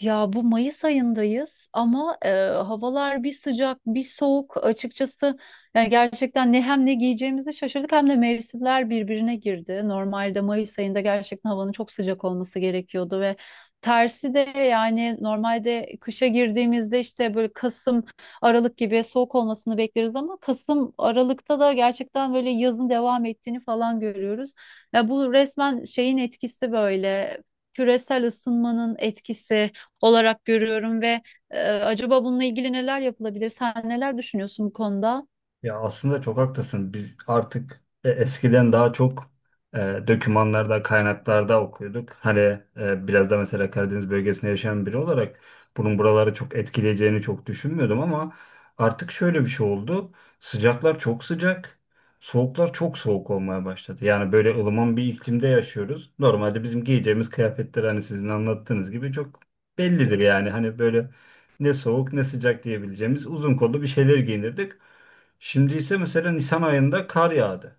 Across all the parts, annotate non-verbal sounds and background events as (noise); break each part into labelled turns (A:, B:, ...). A: Ya bu Mayıs ayındayız ama havalar bir sıcak bir soğuk açıkçası yani gerçekten ne hem ne giyeceğimizi şaşırdık hem de mevsimler birbirine girdi. Normalde Mayıs ayında gerçekten havanın çok sıcak olması gerekiyordu ve tersi de yani normalde kışa girdiğimizde işte böyle Kasım Aralık gibi soğuk olmasını bekleriz ama Kasım Aralık'ta da gerçekten böyle yazın devam ettiğini falan görüyoruz. Ya bu resmen şeyin etkisi böyle küresel ısınmanın etkisi olarak görüyorum ve acaba bununla ilgili neler yapılabilir? Sen neler düşünüyorsun bu konuda?
B: Ya aslında çok haklısın. Biz artık eskiden daha çok e, dokümanlarda, kaynaklarda okuyorduk. Hani biraz da mesela Karadeniz bölgesinde yaşayan biri olarak bunun buraları çok etkileyeceğini çok düşünmüyordum ama artık şöyle bir şey oldu. Sıcaklar çok sıcak, soğuklar çok soğuk olmaya başladı. Yani böyle ılıman bir iklimde yaşıyoruz. Normalde bizim giyeceğimiz kıyafetler hani sizin anlattığınız gibi çok bellidir yani. Hani böyle ne soğuk ne sıcak diyebileceğimiz uzun kollu bir şeyler giyinirdik. Şimdi ise mesela Nisan ayında kar yağdı.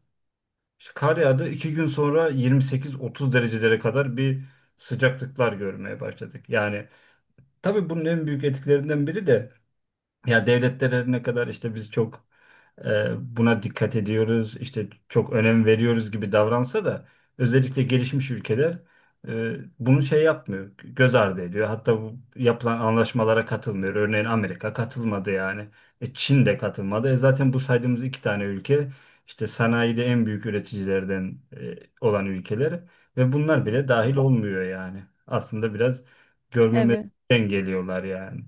B: İşte kar yağdı. 2 gün sonra 28-30 derecelere kadar bir sıcaklıklar görmeye başladık. Yani tabii bunun en büyük etkilerinden biri de ya devletler her ne kadar işte biz çok buna dikkat ediyoruz, işte çok önem veriyoruz gibi davransa da özellikle gelişmiş ülkeler bunu şey yapmıyor, göz ardı ediyor. Hatta bu yapılan anlaşmalara katılmıyor. Örneğin Amerika katılmadı yani. Çin de katılmadı. Zaten bu saydığımız iki tane ülke işte sanayide en büyük üreticilerden olan ülkeler ve bunlar bile dahil olmuyor yani. Aslında biraz
A: Evet.
B: görmemezlikten geliyorlar yani.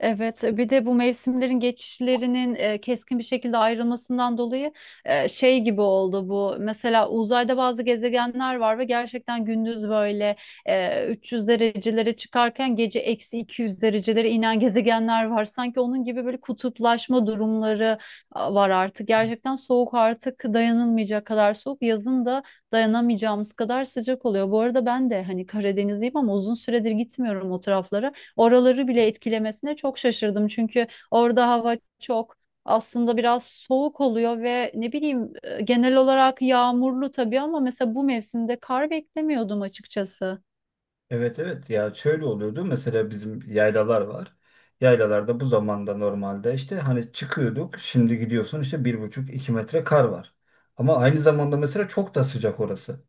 A: Evet, bir de bu mevsimlerin geçişlerinin keskin bir şekilde ayrılmasından dolayı şey gibi oldu bu. Mesela uzayda bazı gezegenler var ve gerçekten gündüz böyle 300 derecelere çıkarken gece eksi 200 derecelere inen gezegenler var. Sanki onun gibi böyle kutuplaşma durumları var artık. Gerçekten soğuk artık dayanılmayacak kadar soğuk. Yazın da dayanamayacağımız kadar sıcak oluyor. Bu arada ben de hani Karadenizliyim ama uzun süredir gitmiyorum o taraflara. Oraları bile etkilemesine çok şaşırdım. Çünkü orada hava çok aslında biraz soğuk oluyor ve ne bileyim genel olarak yağmurlu tabii ama mesela bu mevsimde kar beklemiyordum açıkçası.
B: Evet, evet, ya şöyle oluyordu mesela, bizim yaylalar var. Yaylalarda bu zamanda normalde işte hani çıkıyorduk, şimdi gidiyorsun işte 1,5-2 metre kar var. Ama aynı zamanda mesela çok da sıcak orası.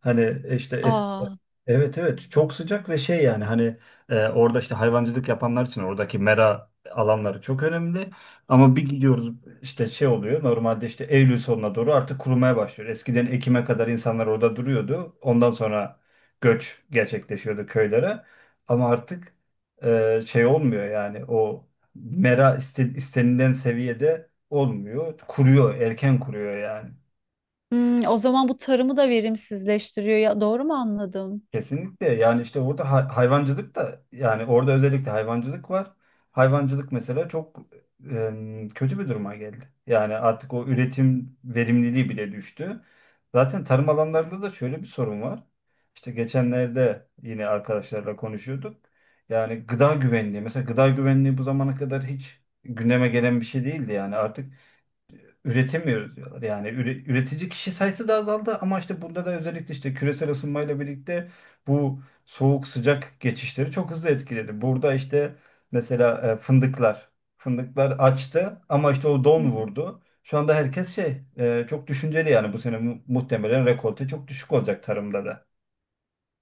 B: Hani işte eski.
A: Aa,
B: Evet, evet, çok sıcak ve şey yani hani orada işte hayvancılık yapanlar için oradaki mera alanları çok önemli. Ama bir gidiyoruz işte şey oluyor, normalde işte Eylül sonuna doğru artık kurumaya başlıyor. Eskiden Ekim'e kadar insanlar orada duruyordu. Ondan sonra göç gerçekleşiyordu köylere. Ama artık şey olmuyor yani, o mera istenilen seviyede olmuyor. Kuruyor, erken kuruyor yani.
A: hmm, o zaman bu tarımı da verimsizleştiriyor ya doğru mu anladım?
B: Kesinlikle, yani işte orada hayvancılık da, yani orada özellikle hayvancılık var. Hayvancılık mesela çok kötü bir duruma geldi. Yani artık o üretim verimliliği bile düştü. Zaten tarım alanlarında da şöyle bir sorun var. İşte geçenlerde yine arkadaşlarla konuşuyorduk. Yani gıda güvenliği, mesela gıda güvenliği bu zamana kadar hiç gündeme gelen bir şey değildi, yani artık üretemiyoruz diyorlar. Yani üretici kişi sayısı da azaldı, ama işte burada da özellikle işte küresel ısınmayla birlikte bu soğuk sıcak geçişleri çok hızlı etkiledi. Burada işte mesela fındıklar fındıklar açtı ama işte o don vurdu. Şu anda herkes şey çok düşünceli yani, bu sene muhtemelen rekolte çok düşük olacak tarımda da.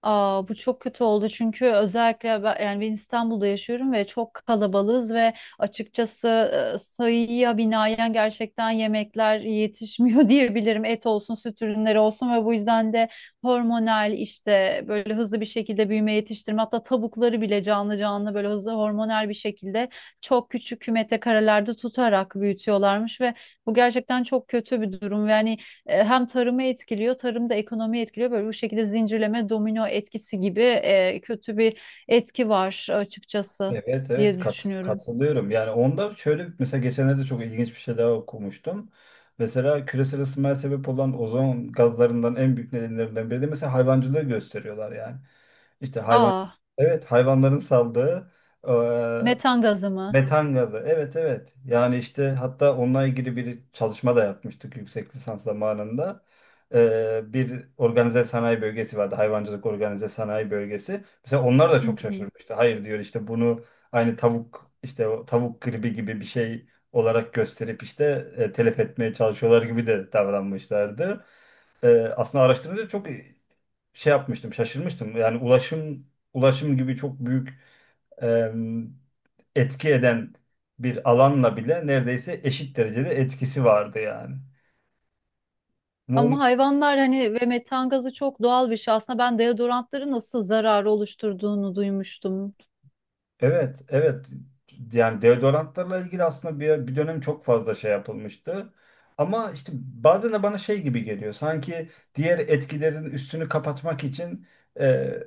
A: Aa, bu çok kötü oldu çünkü özellikle ben, yani ben İstanbul'da yaşıyorum ve çok kalabalığız ve açıkçası sayıya binaen gerçekten yemekler yetişmiyor (laughs) diyebilirim. Et olsun, süt ürünleri olsun ve bu yüzden de hormonal işte böyle hızlı bir şekilde büyüme yetiştirme hatta tavukları bile canlı canlı böyle hızlı hormonal bir şekilde çok küçük kümete karelerde tutarak büyütüyorlarmış ve bu gerçekten çok kötü bir durum. Yani hem tarımı etkiliyor, tarım da ekonomiyi etkiliyor. Böyle bu şekilde zincirleme domino etkisi gibi kötü bir etki var açıkçası
B: Evet, evet,
A: diye düşünüyorum.
B: katılıyorum. Yani onda şöyle, mesela geçenlerde çok ilginç bir şey daha okumuştum. Mesela küresel ısınmaya sebep olan ozon gazlarından en büyük nedenlerinden biri de mesela hayvancılığı gösteriyorlar yani. İşte
A: Aa,
B: evet, hayvanların saldığı
A: metan gazı mı?
B: metan gazı. Evet, evet. Yani işte hatta onunla ilgili bir çalışma da yapmıştık yüksek lisans zamanında. Bir organize sanayi bölgesi vardı. Hayvancılık organize sanayi bölgesi. Mesela onlar da
A: Hı
B: çok
A: hı.
B: şaşırmıştı. Hayır diyor, işte bunu aynı tavuk işte o tavuk gribi gibi bir şey olarak gösterip işte telef etmeye çalışıyorlar gibi de davranmışlardı. Aslında araştırınca çok şey yapmıştım, şaşırmıştım. Yani ulaşım, ulaşım gibi çok büyük e, etki eden bir alanla bile neredeyse eşit derecede etkisi vardı yani. Mu-
A: Ama hayvanlar hani ve metan gazı çok doğal bir şey. Aslında ben deodorantları nasıl zararı oluşturduğunu duymuştum.
B: Evet, evet. Yani deodorantlarla ilgili aslında bir dönem çok fazla şey yapılmıştı. Ama işte bazen de bana şey gibi geliyor. Sanki diğer etkilerin üstünü kapatmak için e,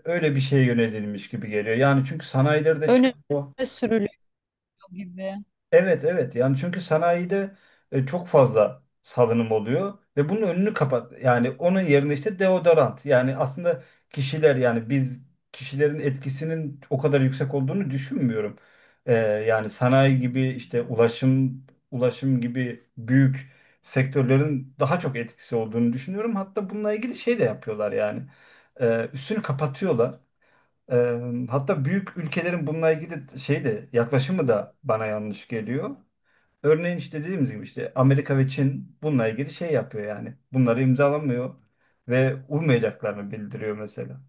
B: öyle bir şeye yönelilmiş gibi geliyor. Yani çünkü sanayilerde
A: Öne
B: çıkan o.
A: sürülüyor gibi.
B: Evet, evet, yani çünkü sanayide çok fazla salınım oluyor ve bunun önünü kapat, yani onun yerine işte deodorant, yani aslında kişiler, yani biz, kişilerin etkisinin o kadar yüksek olduğunu düşünmüyorum. Yani sanayi gibi, işte ulaşım, ulaşım gibi büyük sektörlerin daha çok etkisi olduğunu düşünüyorum. Hatta bununla ilgili şey de yapıyorlar yani. Üstünü kapatıyorlar. E, Hatta büyük ülkelerin bununla ilgili şey de, yaklaşımı da bana yanlış geliyor. Örneğin işte dediğimiz gibi, işte Amerika ve Çin bununla ilgili şey yapıyor yani. Bunları imzalamıyor ve uymayacaklarını bildiriyor mesela.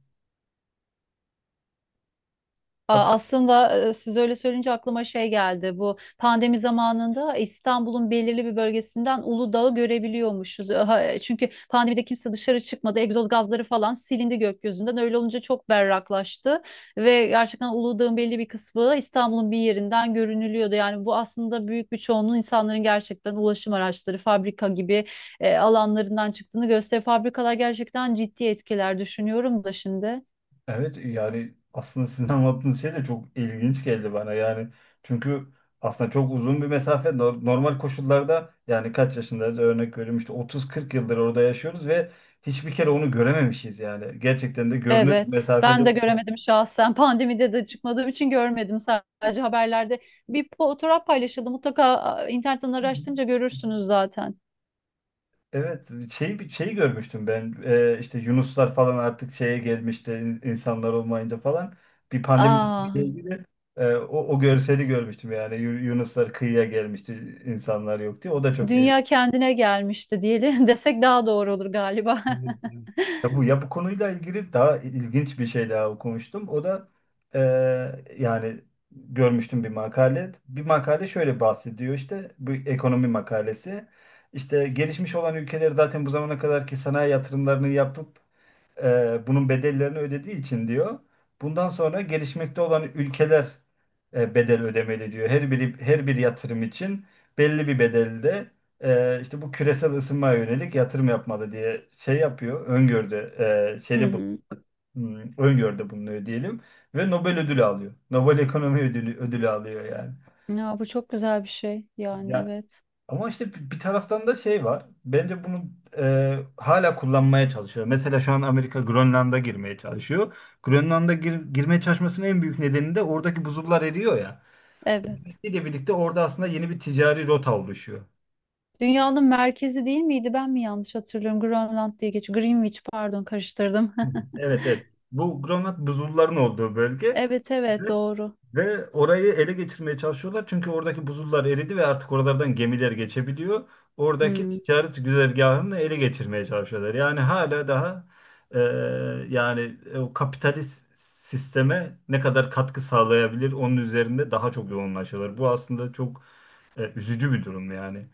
B: Hatta,
A: Aslında siz öyle söyleyince aklıma şey geldi. Bu pandemi zamanında İstanbul'un belirli bir bölgesinden Uludağ'ı görebiliyormuşuz. Ha, çünkü pandemide kimse dışarı çıkmadı. Egzoz gazları falan silindi gökyüzünden. Öyle olunca çok berraklaştı ve gerçekten Uludağ'ın belli bir kısmı İstanbul'un bir yerinden görünülüyordu. Yani bu aslında büyük bir çoğunluğun insanların gerçekten ulaşım araçları, fabrika gibi alanlarından çıktığını gösteriyor. Fabrikalar gerçekten ciddi etkiler düşünüyorum da şimdi.
B: evet, yani aslında sizin (laughs) anlattığınız şey de çok ilginç geldi bana yani. Çünkü aslında çok uzun bir mesafe, normal koşullarda yani kaç yaşındayız, örnek veriyorum işte 30-40 yıldır orada yaşıyoruz ve hiçbir kere onu görememişiz yani. Gerçekten de görünür bir
A: Evet,
B: mesafede.
A: ben de göremedim şahsen. Pandemide de çıkmadığım için görmedim, sadece haberlerde. Bir fotoğraf paylaşıldı. Mutlaka a, internetten araştırınca görürsünüz zaten.
B: Evet, şey, bir şey görmüştüm ben. İşte Yunuslar falan artık şeye gelmişti, insanlar olmayınca falan, bir pandemi ile
A: Aa,
B: ilgili o görseli görmüştüm yani. Yunuslar kıyıya gelmişti insanlar yok diye, o da çok ilginç.
A: dünya kendine gelmişti diyelim (laughs) desek daha doğru olur galiba.
B: Ya bu konuyla ilgili daha ilginç bir şey daha okumuştum o da e, yani görmüştüm bir makale, bir makale şöyle bahsediyor, işte bu ekonomi makalesi. İşte gelişmiş olan ülkeler zaten bu zamana kadarki sanayi yatırımlarını yapıp bunun bedellerini ödediği için diyor. Bundan sonra gelişmekte olan ülkeler bedel ödemeli diyor. Her biri, her bir yatırım için belli bir bedelde işte bu küresel ısınmaya yönelik yatırım yapmalı diye şey yapıyor. Öngördü,
A: (laughs) Hı
B: şeyde bu,
A: hı.
B: öngördü bulunuyor diyelim ve Nobel ödülü alıyor. Nobel Ekonomi Ödülü, ödülü alıyor yani.
A: Ya bu çok güzel bir şey. Yani evet.
B: Ama işte bir taraftan da şey var. Bence bunu hala kullanmaya çalışıyor. Mesela şu an Amerika Grönland'a girmeye çalışıyor. Grönland'a girmeye çalışmasının en büyük nedeni de oradaki buzullar eriyor ya.
A: Evet.
B: İle birlikte orada aslında yeni bir ticari rota oluşuyor.
A: Dünyanın merkezi değil miydi? Ben mi yanlış hatırlıyorum? Grönland diye geçiyor. Greenwich, pardon, karıştırdım. (laughs)
B: Evet, evet. Bu Grönland, buzulların olduğu bölge.
A: Evet evet doğru.
B: Ve orayı ele geçirmeye çalışıyorlar. Çünkü oradaki buzullar eridi ve artık oralardan gemiler geçebiliyor. Oradaki
A: Hı.
B: ticaret güzergahını ele geçirmeye çalışıyorlar. Yani hala daha e, yani o kapitalist sisteme ne kadar katkı sağlayabilir onun üzerinde daha çok yoğunlaşıyorlar. Bu aslında çok üzücü bir durum yani.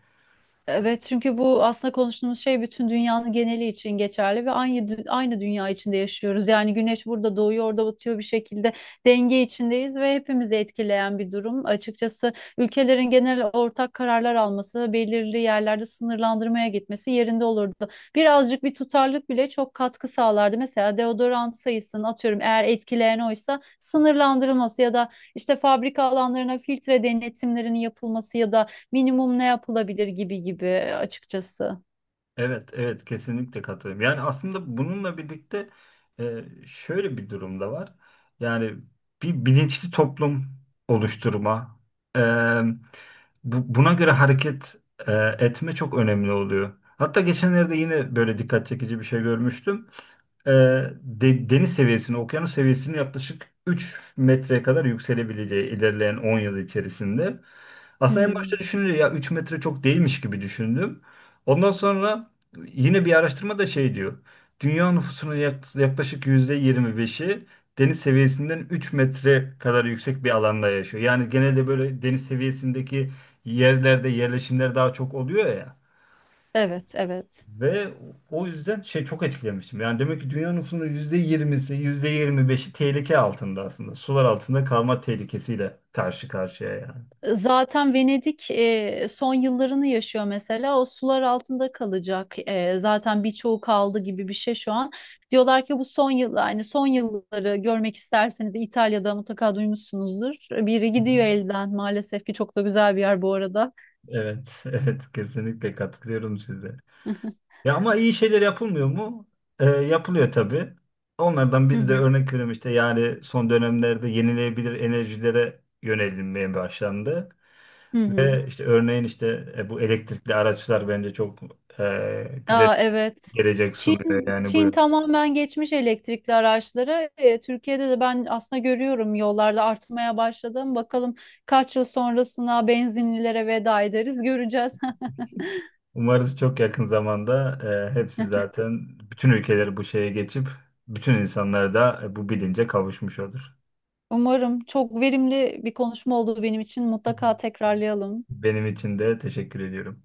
A: Evet, çünkü bu aslında konuştuğumuz şey bütün dünyanın geneli için geçerli ve aynı aynı dünya içinde yaşıyoruz. Yani güneş burada doğuyor, orada batıyor, bir şekilde denge içindeyiz ve hepimizi etkileyen bir durum. Açıkçası ülkelerin genel ortak kararlar alması, belirli yerlerde sınırlandırmaya gitmesi yerinde olurdu. Birazcık bir tutarlılık bile çok katkı sağlardı. Mesela deodorant sayısını atıyorum, eğer etkileyen oysa sınırlandırılması ya da işte fabrika alanlarına filtre denetimlerinin yapılması ya da minimum ne yapılabilir gibi gibi açıkçası.
B: Evet, evet, kesinlikle katılıyorum. Yani aslında bununla birlikte şöyle bir durum da var. Yani bir bilinçli toplum oluşturma, e, buna göre hareket e, etme çok önemli oluyor. Hatta geçenlerde yine böyle dikkat çekici bir şey görmüştüm. E, Deniz seviyesini, okyanus seviyesini yaklaşık 3 metreye kadar yükselebileceği ilerleyen 10 yıl içerisinde. Aslında en başta
A: Hmm.
B: düşününce, ya 3 metre çok değilmiş gibi düşündüm. Ondan sonra yine bir araştırma da şey diyor. Dünya nüfusunun yaklaşık %25'i deniz seviyesinden 3 metre kadar yüksek bir alanda yaşıyor. Yani genelde böyle deniz seviyesindeki yerlerde yerleşimler daha çok oluyor ya.
A: Evet, evet.
B: Ve o yüzden şey, çok etkilemiştim. Yani demek ki dünya nüfusunun yüzde yirmisi, yüzde yirmi beşi tehlike altında aslında. Sular altında kalma tehlikesiyle karşı karşıya yani.
A: Zaten Venedik son yıllarını yaşıyor mesela. O sular altında kalacak. E, zaten birçoğu kaldı gibi bir şey şu an. Diyorlar ki bu son yıl, yani son yılları görmek isterseniz İtalya'da mutlaka duymuşsunuzdur. Biri gidiyor elden maalesef ki, çok da güzel bir yer bu arada.
B: Evet, (laughs) evet, kesinlikle katılıyorum size.
A: (laughs)
B: Ya ama iyi şeyler yapılmıyor mu? Yapılıyor tabii. Onlardan
A: Hı
B: biri de,
A: hı,
B: örnek veriyorum işte, yani son dönemlerde yenilenebilir enerjilere yönelinmeye başlandı.
A: hı hı.
B: Ve işte örneğin işte bu elektrikli araçlar bence çok güzel
A: Aa,
B: bir
A: evet.
B: gelecek sunuyor
A: Çin
B: yani
A: Çin
B: bu.
A: tamamen geçmiş elektrikli araçlara. Türkiye'de de ben aslında görüyorum, yollarda artmaya başladım. Bakalım kaç yıl sonrasına benzinlilere veda ederiz, göreceğiz. (laughs)
B: Umarız çok yakın zamanda hepsi, zaten bütün ülkeler bu şeye geçip bütün insanlar da bu bilince kavuşmuş olur.
A: Umarım çok verimli bir konuşma oldu benim için.
B: Hı
A: Mutlaka
B: hı.
A: tekrarlayalım.
B: Benim için de teşekkür ediyorum.